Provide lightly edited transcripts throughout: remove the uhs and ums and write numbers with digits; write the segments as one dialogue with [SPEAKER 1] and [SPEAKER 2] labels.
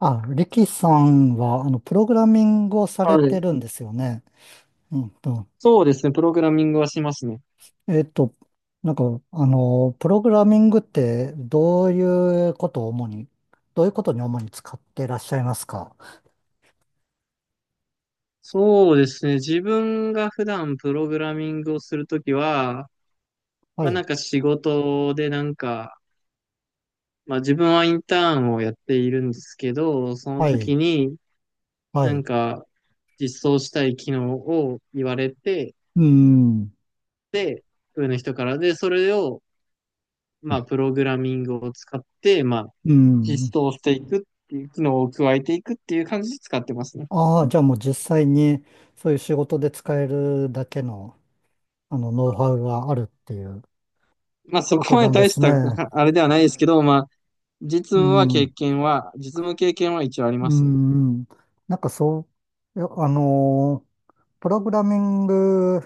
[SPEAKER 1] あ、リキさんは、プログラミングをされ
[SPEAKER 2] はい。
[SPEAKER 1] てるんですよね。うんと、
[SPEAKER 2] そうですね。プログラミングはしますね。
[SPEAKER 1] えっと、なんか、プログラミングって、どういうことに主に使っていらっしゃいますか？
[SPEAKER 2] そうですね。自分が普段プログラミングをするときは、
[SPEAKER 1] は
[SPEAKER 2] まあな
[SPEAKER 1] い、
[SPEAKER 2] んか仕事でなんか、まあ自分はインターンをやっているんですけど、その
[SPEAKER 1] はい、
[SPEAKER 2] 時に
[SPEAKER 1] は
[SPEAKER 2] なん
[SPEAKER 1] い。
[SPEAKER 2] か実装したい機能を言われて、
[SPEAKER 1] うん、
[SPEAKER 2] で、上の人からで、それをまあプログラミングを使って、まあ
[SPEAKER 1] うん。
[SPEAKER 2] 実装していくっていう機能を加えていくっていう感じで使ってますね。
[SPEAKER 1] ああ、じゃあもう実際に、そういう仕事で使えるだけの、ノウハウがあるっていう
[SPEAKER 2] まあそ
[SPEAKER 1] こと
[SPEAKER 2] こま
[SPEAKER 1] な
[SPEAKER 2] で
[SPEAKER 1] んで
[SPEAKER 2] 大し
[SPEAKER 1] す
[SPEAKER 2] た
[SPEAKER 1] ね。
[SPEAKER 2] あれではないですけど、まあ
[SPEAKER 1] うん、うん、
[SPEAKER 2] 実務経験は一応ありま
[SPEAKER 1] う
[SPEAKER 2] すね。
[SPEAKER 1] ん。なんかそいやプログラミング、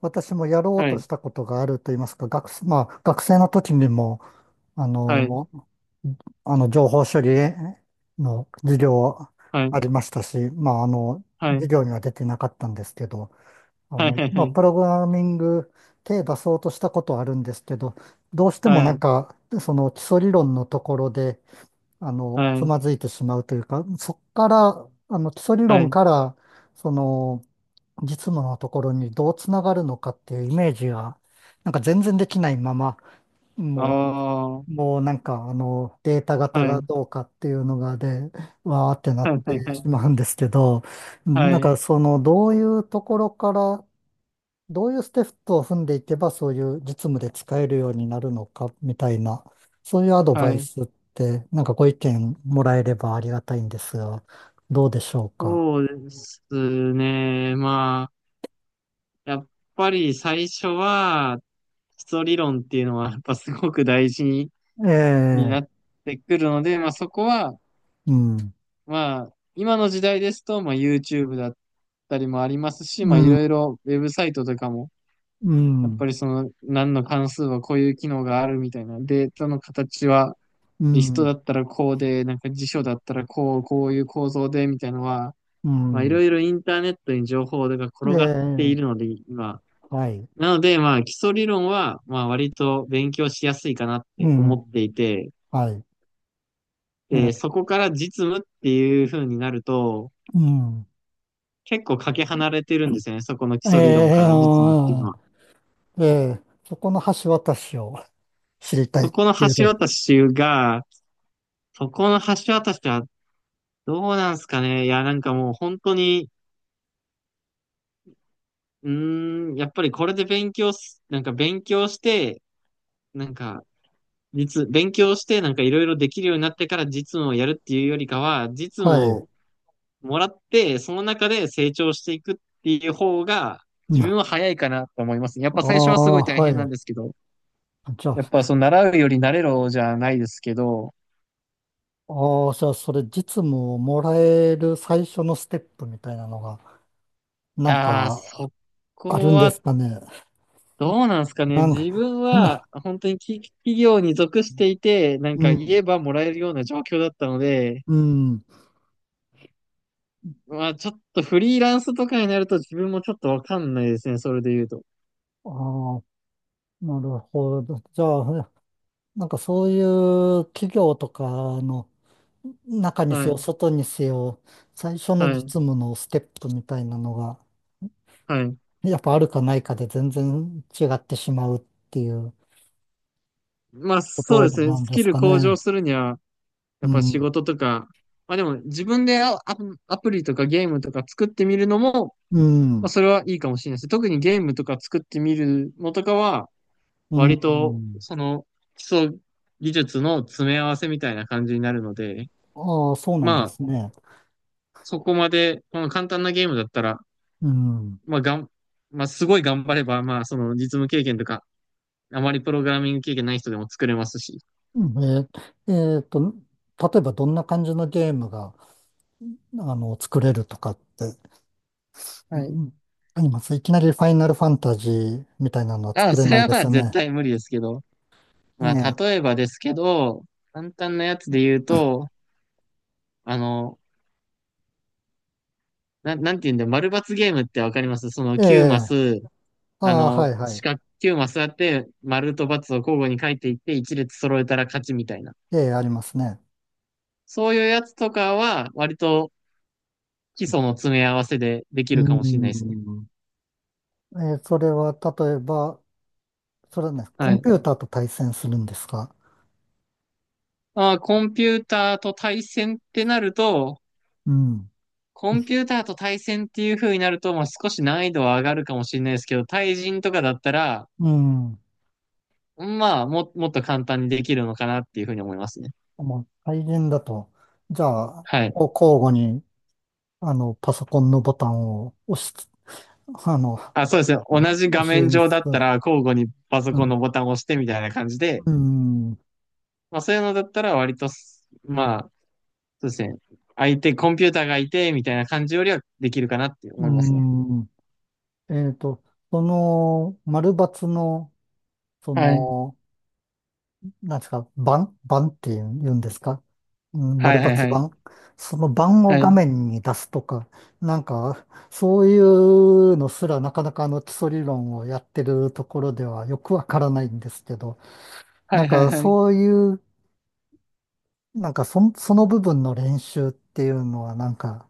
[SPEAKER 1] 私もやろう
[SPEAKER 2] は
[SPEAKER 1] と
[SPEAKER 2] い、
[SPEAKER 1] したことがあると言いますか、学生の時にも、あ
[SPEAKER 2] はい、
[SPEAKER 1] の、情報処理の授業
[SPEAKER 2] はい、
[SPEAKER 1] ありましたし、
[SPEAKER 2] は
[SPEAKER 1] 授
[SPEAKER 2] い、
[SPEAKER 1] 業には出てなかったんですけど、
[SPEAKER 2] はい、はい、
[SPEAKER 1] プログラミング手出そうとしたことはあるんですけど、どうしても
[SPEAKER 2] はい、
[SPEAKER 1] その基礎理論のところで、
[SPEAKER 2] は
[SPEAKER 1] つ
[SPEAKER 2] い、
[SPEAKER 1] まずいてしまうというか、そっから、基礎理
[SPEAKER 2] は
[SPEAKER 1] 論
[SPEAKER 2] い、
[SPEAKER 1] から、その、実務のところにどうつながるのかっていうイメージが、なんか全然できないまま、
[SPEAKER 2] あ
[SPEAKER 1] も
[SPEAKER 2] あ、はい、
[SPEAKER 1] もう、データ型
[SPEAKER 2] は
[SPEAKER 1] が
[SPEAKER 2] い、
[SPEAKER 1] どうかっていうのがで、わーってなっ
[SPEAKER 2] は
[SPEAKER 1] てし
[SPEAKER 2] い、
[SPEAKER 1] まうんですけど、
[SPEAKER 2] はい、
[SPEAKER 1] どういうところから、どういうステップを踏んでいけば、そういう実務で使えるようになるのか、みたいな、そういうアドバ
[SPEAKER 2] は
[SPEAKER 1] イ
[SPEAKER 2] い、
[SPEAKER 1] スって、ご意見もらえればありがたいんですが、どうでしょうか。
[SPEAKER 2] そうですね。まあ、やっぱり最初は、基礎理論っていうのは、やっぱすごく大事
[SPEAKER 1] え
[SPEAKER 2] になっ
[SPEAKER 1] え、
[SPEAKER 2] てくるので、まあそこは、
[SPEAKER 1] うん、
[SPEAKER 2] まあ、今の時代ですと、まあ YouTube だったりもありますし、
[SPEAKER 1] う
[SPEAKER 2] まあい
[SPEAKER 1] ん、
[SPEAKER 2] ろいろウェブサイトとかも、
[SPEAKER 1] う
[SPEAKER 2] やっ
[SPEAKER 1] ん。
[SPEAKER 2] ぱりその何の関数はこういう機能があるみたいな、データの形は
[SPEAKER 1] う
[SPEAKER 2] リストだ
[SPEAKER 1] ん、
[SPEAKER 2] ったらこうで、なんか辞書だったらこう、こういう構造でみたいなのは、
[SPEAKER 1] う
[SPEAKER 2] まあいろ
[SPEAKER 1] ん、
[SPEAKER 2] いろインターネットに情報が
[SPEAKER 1] え
[SPEAKER 2] 転がっている
[SPEAKER 1] え、
[SPEAKER 2] ので、今。
[SPEAKER 1] はい、
[SPEAKER 2] なので、まあ基礎理論は、まあ割と勉強しやすいかなっ
[SPEAKER 1] う
[SPEAKER 2] て
[SPEAKER 1] ん、
[SPEAKER 2] 思っていて、
[SPEAKER 1] はい、え
[SPEAKER 2] で、そ
[SPEAKER 1] え、
[SPEAKER 2] こから実務っていう風になると、
[SPEAKER 1] うん、
[SPEAKER 2] 結構かけ離れてるんですよね。そこの基
[SPEAKER 1] え
[SPEAKER 2] 礎理論
[SPEAKER 1] え、
[SPEAKER 2] から実務っていう
[SPEAKER 1] あ
[SPEAKER 2] のは。
[SPEAKER 1] ーええ、そこの橋渡しを知りたい
[SPEAKER 2] そ
[SPEAKER 1] っ
[SPEAKER 2] この
[SPEAKER 1] ていう
[SPEAKER 2] 橋
[SPEAKER 1] と、
[SPEAKER 2] 渡しが、そこの橋渡しはどうなんすかね。いや、なんかもう本当に、うーん、やっぱりこれで勉強す、なんか勉強して、なんか、勉強して、なんかいろいろできるようになってから実務をやるっていうよりかは、実
[SPEAKER 1] は
[SPEAKER 2] 務
[SPEAKER 1] い、
[SPEAKER 2] をもらって、その中で成長していくっていう方が、
[SPEAKER 1] う
[SPEAKER 2] 自
[SPEAKER 1] ん、あ
[SPEAKER 2] 分は早いかなと思いますね。やっぱ
[SPEAKER 1] あ、
[SPEAKER 2] 最初はすごい大
[SPEAKER 1] は
[SPEAKER 2] 変なん
[SPEAKER 1] い、
[SPEAKER 2] ですけど、
[SPEAKER 1] じゃ
[SPEAKER 2] やっ
[SPEAKER 1] あ、
[SPEAKER 2] ぱその習うより慣れろじゃないですけど、
[SPEAKER 1] ああ、じゃあ、それ実務をもらえる最初のステップみたいなのが、なん
[SPEAKER 2] ああ、
[SPEAKER 1] か
[SPEAKER 2] そ
[SPEAKER 1] ある
[SPEAKER 2] こ
[SPEAKER 1] んで
[SPEAKER 2] は
[SPEAKER 1] すかね。
[SPEAKER 2] どうなんですかね。
[SPEAKER 1] なんか、
[SPEAKER 2] 自分は
[SPEAKER 1] な、
[SPEAKER 2] 本当に企業に属していて、なん
[SPEAKER 1] う
[SPEAKER 2] か言え
[SPEAKER 1] ん、
[SPEAKER 2] ばもらえるような状況だったので、
[SPEAKER 1] うん、
[SPEAKER 2] まあちょっとフリーランスとかになると自分もちょっとわかんないですね。それで言うと。
[SPEAKER 1] ああ、なるほど。じゃあ、そういう企業とかの中に
[SPEAKER 2] は
[SPEAKER 1] せよ、
[SPEAKER 2] い。
[SPEAKER 1] 外にせよ、最初の
[SPEAKER 2] は
[SPEAKER 1] 実
[SPEAKER 2] い。
[SPEAKER 1] 務のステップみたいなのが、
[SPEAKER 2] はい。
[SPEAKER 1] やっぱあるかないかで全然違ってしまうっていう
[SPEAKER 2] まあ
[SPEAKER 1] こ
[SPEAKER 2] そうで
[SPEAKER 1] と
[SPEAKER 2] すね。
[SPEAKER 1] なん
[SPEAKER 2] ス
[SPEAKER 1] で
[SPEAKER 2] キ
[SPEAKER 1] す
[SPEAKER 2] ル
[SPEAKER 1] か
[SPEAKER 2] 向上
[SPEAKER 1] ね。
[SPEAKER 2] するには、や
[SPEAKER 1] う
[SPEAKER 2] っぱ仕
[SPEAKER 1] ん。
[SPEAKER 2] 事とか、まあでも自分でアプリとかゲームとか作ってみるのも、
[SPEAKER 1] う
[SPEAKER 2] まあ
[SPEAKER 1] ん。
[SPEAKER 2] それはいいかもしれないです。特にゲームとか作ってみるのとかは、
[SPEAKER 1] う
[SPEAKER 2] 割と、
[SPEAKER 1] ん。
[SPEAKER 2] その、基礎技術の詰め合わせみたいな感じになるので、
[SPEAKER 1] ああ、そうなんで
[SPEAKER 2] ま
[SPEAKER 1] す
[SPEAKER 2] あ、
[SPEAKER 1] ね。
[SPEAKER 2] そこまで、この簡単なゲームだったら、
[SPEAKER 1] うん。
[SPEAKER 2] まあ、がん、まあ、すごい頑張れば、まあ、その、実務経験とか、あまりプログラミング経験ない人でも作れますし。
[SPEAKER 1] えー、えーと、例えばどんな感じのゲームが、作れるとかって、う
[SPEAKER 2] はい。
[SPEAKER 1] ん、あります。いきなりファイナルファンタジーみたいなのは作
[SPEAKER 2] あ、
[SPEAKER 1] れ
[SPEAKER 2] そ
[SPEAKER 1] な
[SPEAKER 2] れ
[SPEAKER 1] い
[SPEAKER 2] は
[SPEAKER 1] で
[SPEAKER 2] ま
[SPEAKER 1] す
[SPEAKER 2] あ、
[SPEAKER 1] よ
[SPEAKER 2] 絶
[SPEAKER 1] ね。
[SPEAKER 2] 対無理ですけど。
[SPEAKER 1] え
[SPEAKER 2] まあ、
[SPEAKER 1] え、
[SPEAKER 2] 例えばですけど、簡単なやつで言うと、あの、なんて言うんだ、丸×ゲームってわかりますその
[SPEAKER 1] え
[SPEAKER 2] 9マ
[SPEAKER 1] え、
[SPEAKER 2] ス、
[SPEAKER 1] あ
[SPEAKER 2] あ
[SPEAKER 1] あ、はい
[SPEAKER 2] の、
[SPEAKER 1] は
[SPEAKER 2] 四
[SPEAKER 1] い。
[SPEAKER 2] 角9マスやって、丸と×を交互に書いていって、一列揃えたら勝ちみたいな。
[SPEAKER 1] ええ、ありますね。
[SPEAKER 2] そういうやつとかは、割と基礎の詰め合わせでできるかもしれな
[SPEAKER 1] う
[SPEAKER 2] いですね。
[SPEAKER 1] ん。ええ、それはね、コ
[SPEAKER 2] は
[SPEAKER 1] ン
[SPEAKER 2] い。
[SPEAKER 1] ピューターと対戦するんですか？
[SPEAKER 2] まあー、コンピューターと対戦ってなると、
[SPEAKER 1] うん、
[SPEAKER 2] コンピューターと対戦っていう風になると、まあ、少し難易度は上がるかもしれないですけど、対人とかだったら、
[SPEAKER 1] うん。
[SPEAKER 2] まあ、もっと簡単にできるのかなっていう風に思いますね。
[SPEAKER 1] もう、対人だと、じゃあ、
[SPEAKER 2] はい。
[SPEAKER 1] こう交互に、パソコンのボタンをあの、
[SPEAKER 2] あ、そうですね。同じ
[SPEAKER 1] 押
[SPEAKER 2] 画
[SPEAKER 1] し
[SPEAKER 2] 面上
[SPEAKER 1] つ
[SPEAKER 2] だった
[SPEAKER 1] つ、
[SPEAKER 2] ら、交互にパソ
[SPEAKER 1] う
[SPEAKER 2] コンの
[SPEAKER 1] ん、
[SPEAKER 2] ボタンを押してみたいな感じで、
[SPEAKER 1] うん、
[SPEAKER 2] まあそういうのだったら割とす、まあ、そうですね。相手、コンピューターがいて、みたいな感じよりはできるかなって
[SPEAKER 1] う
[SPEAKER 2] 思いますね。
[SPEAKER 1] ん。えっと、その、丸抜の、そ
[SPEAKER 2] はい。
[SPEAKER 1] の、なんですか、盤って言うんですか、うん、
[SPEAKER 2] はい
[SPEAKER 1] 丸
[SPEAKER 2] はい
[SPEAKER 1] 抜
[SPEAKER 2] はい。
[SPEAKER 1] 盤。その盤を
[SPEAKER 2] は
[SPEAKER 1] 画
[SPEAKER 2] い。
[SPEAKER 1] 面に出すとか、なんか、そういうのすらなかなか基礎理論をやってるところではよくわからないんですけど、
[SPEAKER 2] は
[SPEAKER 1] なん
[SPEAKER 2] いはい
[SPEAKER 1] か
[SPEAKER 2] はい。
[SPEAKER 1] そういう、なんかそ、その部分の練習っていうのは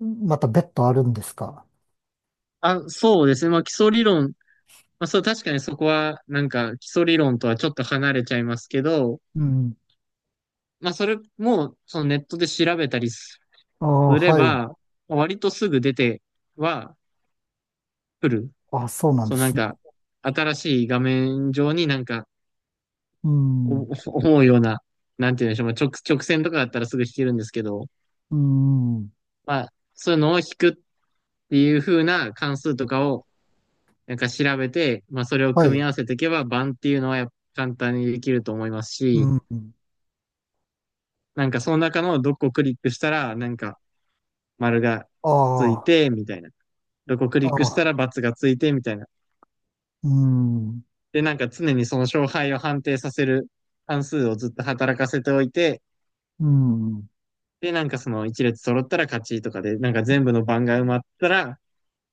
[SPEAKER 1] また別途あるんですか？
[SPEAKER 2] あ、そうですね。まあ基礎理論。まあそう、確かにそこは、なんか基礎理論とはちょっと離れちゃいますけど、
[SPEAKER 1] うん。
[SPEAKER 2] まあそれも、そのネットで調べたりす
[SPEAKER 1] ああ、
[SPEAKER 2] れ
[SPEAKER 1] はい。
[SPEAKER 2] ば、割とすぐ出ては来る。
[SPEAKER 1] あ、そうなん
[SPEAKER 2] そ
[SPEAKER 1] で
[SPEAKER 2] うなん
[SPEAKER 1] すね。
[SPEAKER 2] か、新しい画面上になんか、
[SPEAKER 1] うん。
[SPEAKER 2] お 思うような、なんて言うんでしょう、まあ、直線とかだったらすぐ弾けるんですけど、
[SPEAKER 1] うん。
[SPEAKER 2] まあ、そういうのを弾くっていう風な関数とかを、なんか調べて、まあ、それを
[SPEAKER 1] は
[SPEAKER 2] 組み
[SPEAKER 1] い。
[SPEAKER 2] 合わせていけば、盤っていうのはやっぱ簡単にできると思いますし、
[SPEAKER 1] うん。
[SPEAKER 2] なんかその中のどこをクリックしたら、なんか丸がつい
[SPEAKER 1] あ
[SPEAKER 2] て、みたいな。どこク
[SPEAKER 1] あ、
[SPEAKER 2] リッ
[SPEAKER 1] あ
[SPEAKER 2] クしたら
[SPEAKER 1] あ、
[SPEAKER 2] ×がついて、みたいな。
[SPEAKER 1] うん。
[SPEAKER 2] で、なんか常にその勝敗を判定させる関数をずっと働かせておいて、
[SPEAKER 1] うん、うん、
[SPEAKER 2] で、なんかその一列揃ったら勝ちとかで、なんか全部の番が埋まったら、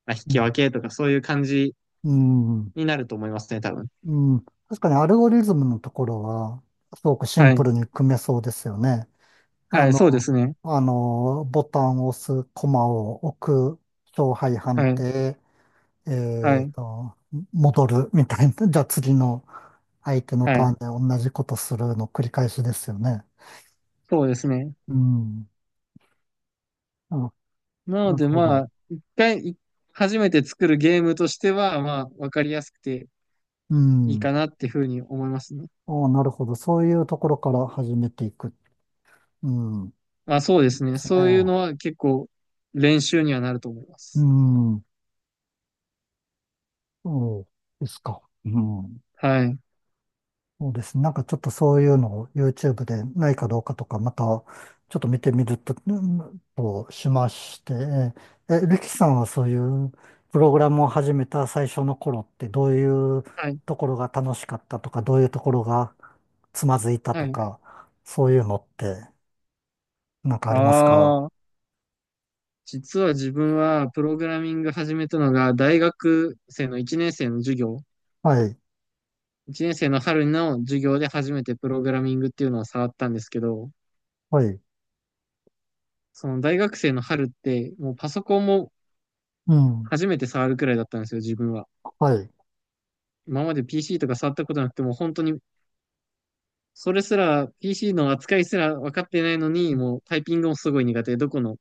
[SPEAKER 2] まあ、引き分けとかそういう感じ
[SPEAKER 1] うん、
[SPEAKER 2] になると思いますね、多分。
[SPEAKER 1] うん。確かにアルゴリズムのところは、すごくシン
[SPEAKER 2] は
[SPEAKER 1] プ
[SPEAKER 2] い。
[SPEAKER 1] ルに組めそうですよね。あ
[SPEAKER 2] はい、そうで
[SPEAKER 1] の、
[SPEAKER 2] すね。
[SPEAKER 1] ボタンを押す、コマを置く、勝敗判
[SPEAKER 2] はい。
[SPEAKER 1] 定、
[SPEAKER 2] は
[SPEAKER 1] えっ
[SPEAKER 2] い。
[SPEAKER 1] と、戻るみたいな。じゃあ次の相手の
[SPEAKER 2] は
[SPEAKER 1] ター
[SPEAKER 2] い。
[SPEAKER 1] ンで同じことするの繰り返しですよね。
[SPEAKER 2] そうですね。
[SPEAKER 1] うん。あ、
[SPEAKER 2] なの
[SPEAKER 1] なる
[SPEAKER 2] で
[SPEAKER 1] ほ
[SPEAKER 2] ま
[SPEAKER 1] ど。
[SPEAKER 2] あ、一回、い初めて作るゲームとしては、まあ、わかりやすくて
[SPEAKER 1] う
[SPEAKER 2] いい
[SPEAKER 1] ん。
[SPEAKER 2] か
[SPEAKER 1] あ
[SPEAKER 2] なっていうふうに思いますね。
[SPEAKER 1] あ、なるほど。そういうところから始めていく。うん。
[SPEAKER 2] まあそうです
[SPEAKER 1] で
[SPEAKER 2] ね。
[SPEAKER 1] すね。
[SPEAKER 2] そういうのは結構練習にはなると思いま
[SPEAKER 1] う
[SPEAKER 2] す。
[SPEAKER 1] ん。そうですか。うん。
[SPEAKER 2] はい。
[SPEAKER 1] そうですね。ちょっとそういうのを YouTube でないかどうかとか、またちょっと見てみると、うんとしまして、え、リキさんはそういうプログラムを始めた最初の頃ってどういう
[SPEAKER 2] はい。
[SPEAKER 1] ところが楽しかったとか、どういうところがつまずいた
[SPEAKER 2] は
[SPEAKER 1] と
[SPEAKER 2] い。
[SPEAKER 1] か、そういうのってありますか？
[SPEAKER 2] ああ。実は自分はプログラミング始めたのが大学生の1年生の授業、
[SPEAKER 1] はい、
[SPEAKER 2] 1年生の春の授業で初めてプログラミングっていうのを触ったんですけど、
[SPEAKER 1] はい、
[SPEAKER 2] その大学生の春ってもうパソコンも
[SPEAKER 1] うん、
[SPEAKER 2] 初めて触るくらいだったんですよ、自分は。
[SPEAKER 1] はい、
[SPEAKER 2] 今まで PC とか触ったことなくても本当にそれすら PC の扱いすら分かってないのにもうタイピングもすごい苦手で、どこの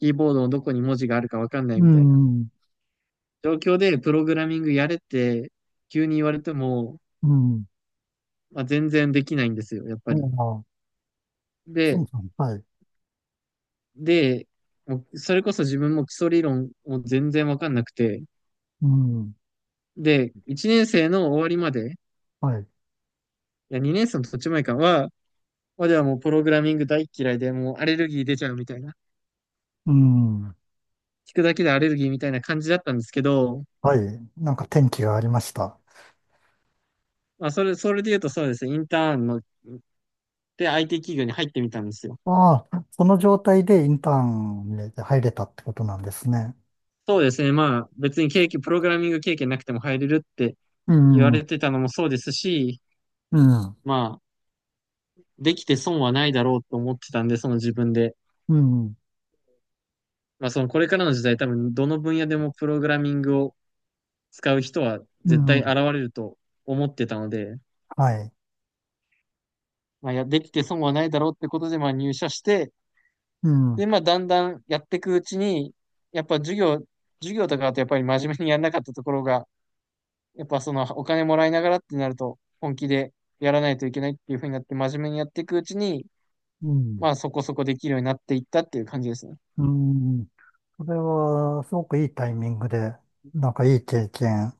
[SPEAKER 2] キーボードのどこに文字があるか分かんない
[SPEAKER 1] う
[SPEAKER 2] みたいな
[SPEAKER 1] ん、
[SPEAKER 2] 状況でプログラミングやれって急に言われても
[SPEAKER 1] うん、
[SPEAKER 2] まあ、全然できないんですよ、やっぱ
[SPEAKER 1] あ
[SPEAKER 2] り。
[SPEAKER 1] あ、そ
[SPEAKER 2] で、
[SPEAKER 1] うそう、はい、
[SPEAKER 2] で、もうそれこそ自分も基礎理論も全然わかんなくて、
[SPEAKER 1] うん、
[SPEAKER 2] で、1年生の終わりまで、
[SPEAKER 1] はい。
[SPEAKER 2] いや、2年生の途中前かは、まではもうプログラミング大嫌いで、もうアレルギー出ちゃうみたいな、
[SPEAKER 1] うん。
[SPEAKER 2] 聞くだけでアレルギーみたいな感じだったんですけど、
[SPEAKER 1] はい。転機がありました？
[SPEAKER 2] まあ、それで言うとそうですね、インターンの、で IT 企業に入ってみたんですよ。
[SPEAKER 1] ああ、その状態でインターンに入れたってことなんですね。
[SPEAKER 2] そうですね、まあ、別にプログラミング経験なくても入れるって
[SPEAKER 1] う
[SPEAKER 2] 言わ
[SPEAKER 1] ん。う
[SPEAKER 2] れ
[SPEAKER 1] ん。
[SPEAKER 2] てたのもそうですし、まあ、できて損はないだろうと思ってたんで、その自分で。
[SPEAKER 1] うん。
[SPEAKER 2] まあ、そのこれからの時代、多分どの分野でもプログラミングを使う人は
[SPEAKER 1] う
[SPEAKER 2] 絶対
[SPEAKER 1] ん。
[SPEAKER 2] 現れると思ってたので、
[SPEAKER 1] はい。
[SPEAKER 2] まあ、できて損はないだろうってことで、まあ、入社して、
[SPEAKER 1] うん。
[SPEAKER 2] で、まあ、だんだんやっていくうちに、やっぱ授業、授業とかだとやっぱり真面目にやらなかったところが、やっぱそのお金もらいながらってなると、本気でやらないといけないっていう風になって、真面目にやっていくうちに、
[SPEAKER 1] うん。
[SPEAKER 2] まあ、そこそこできるようになっていったっていう感じですね。
[SPEAKER 1] うん。それは、すごくいいタイミングで、いい経験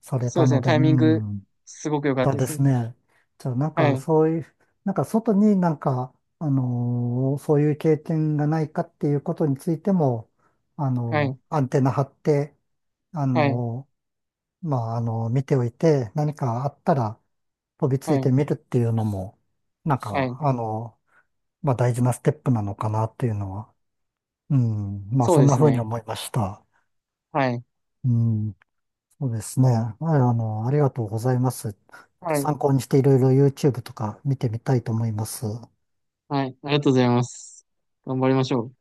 [SPEAKER 1] され
[SPEAKER 2] そう
[SPEAKER 1] た
[SPEAKER 2] です
[SPEAKER 1] の
[SPEAKER 2] ね、
[SPEAKER 1] で、う
[SPEAKER 2] タイミング、
[SPEAKER 1] ん。
[SPEAKER 2] すごく良かっ
[SPEAKER 1] そう
[SPEAKER 2] たで
[SPEAKER 1] で
[SPEAKER 2] す
[SPEAKER 1] す
[SPEAKER 2] ね。
[SPEAKER 1] ね。じゃあ、なん
[SPEAKER 2] は
[SPEAKER 1] か、
[SPEAKER 2] い、
[SPEAKER 1] そういう、なんか、外にそういう経験がないかっていうことについても、
[SPEAKER 2] はい、
[SPEAKER 1] アンテナ張って、あ
[SPEAKER 2] はい、
[SPEAKER 1] のまあ、見ておいて、何かあったら飛びつ
[SPEAKER 2] は
[SPEAKER 1] いて
[SPEAKER 2] い、
[SPEAKER 1] みるっていうのも、なん
[SPEAKER 2] は
[SPEAKER 1] か、
[SPEAKER 2] い。
[SPEAKER 1] あのまあ、大事なステップなのかなっていうのは、うん、まあ、
[SPEAKER 2] そう
[SPEAKER 1] そん
[SPEAKER 2] で
[SPEAKER 1] な
[SPEAKER 2] す
[SPEAKER 1] 風に
[SPEAKER 2] ね。
[SPEAKER 1] 思いました。
[SPEAKER 2] はい、
[SPEAKER 1] うん。そうですね。ありがとうございます。
[SPEAKER 2] はい、
[SPEAKER 1] 参考にしていろいろ YouTube とか見てみたいと思います。
[SPEAKER 2] はい。ありがとうございます。頑張りましょう。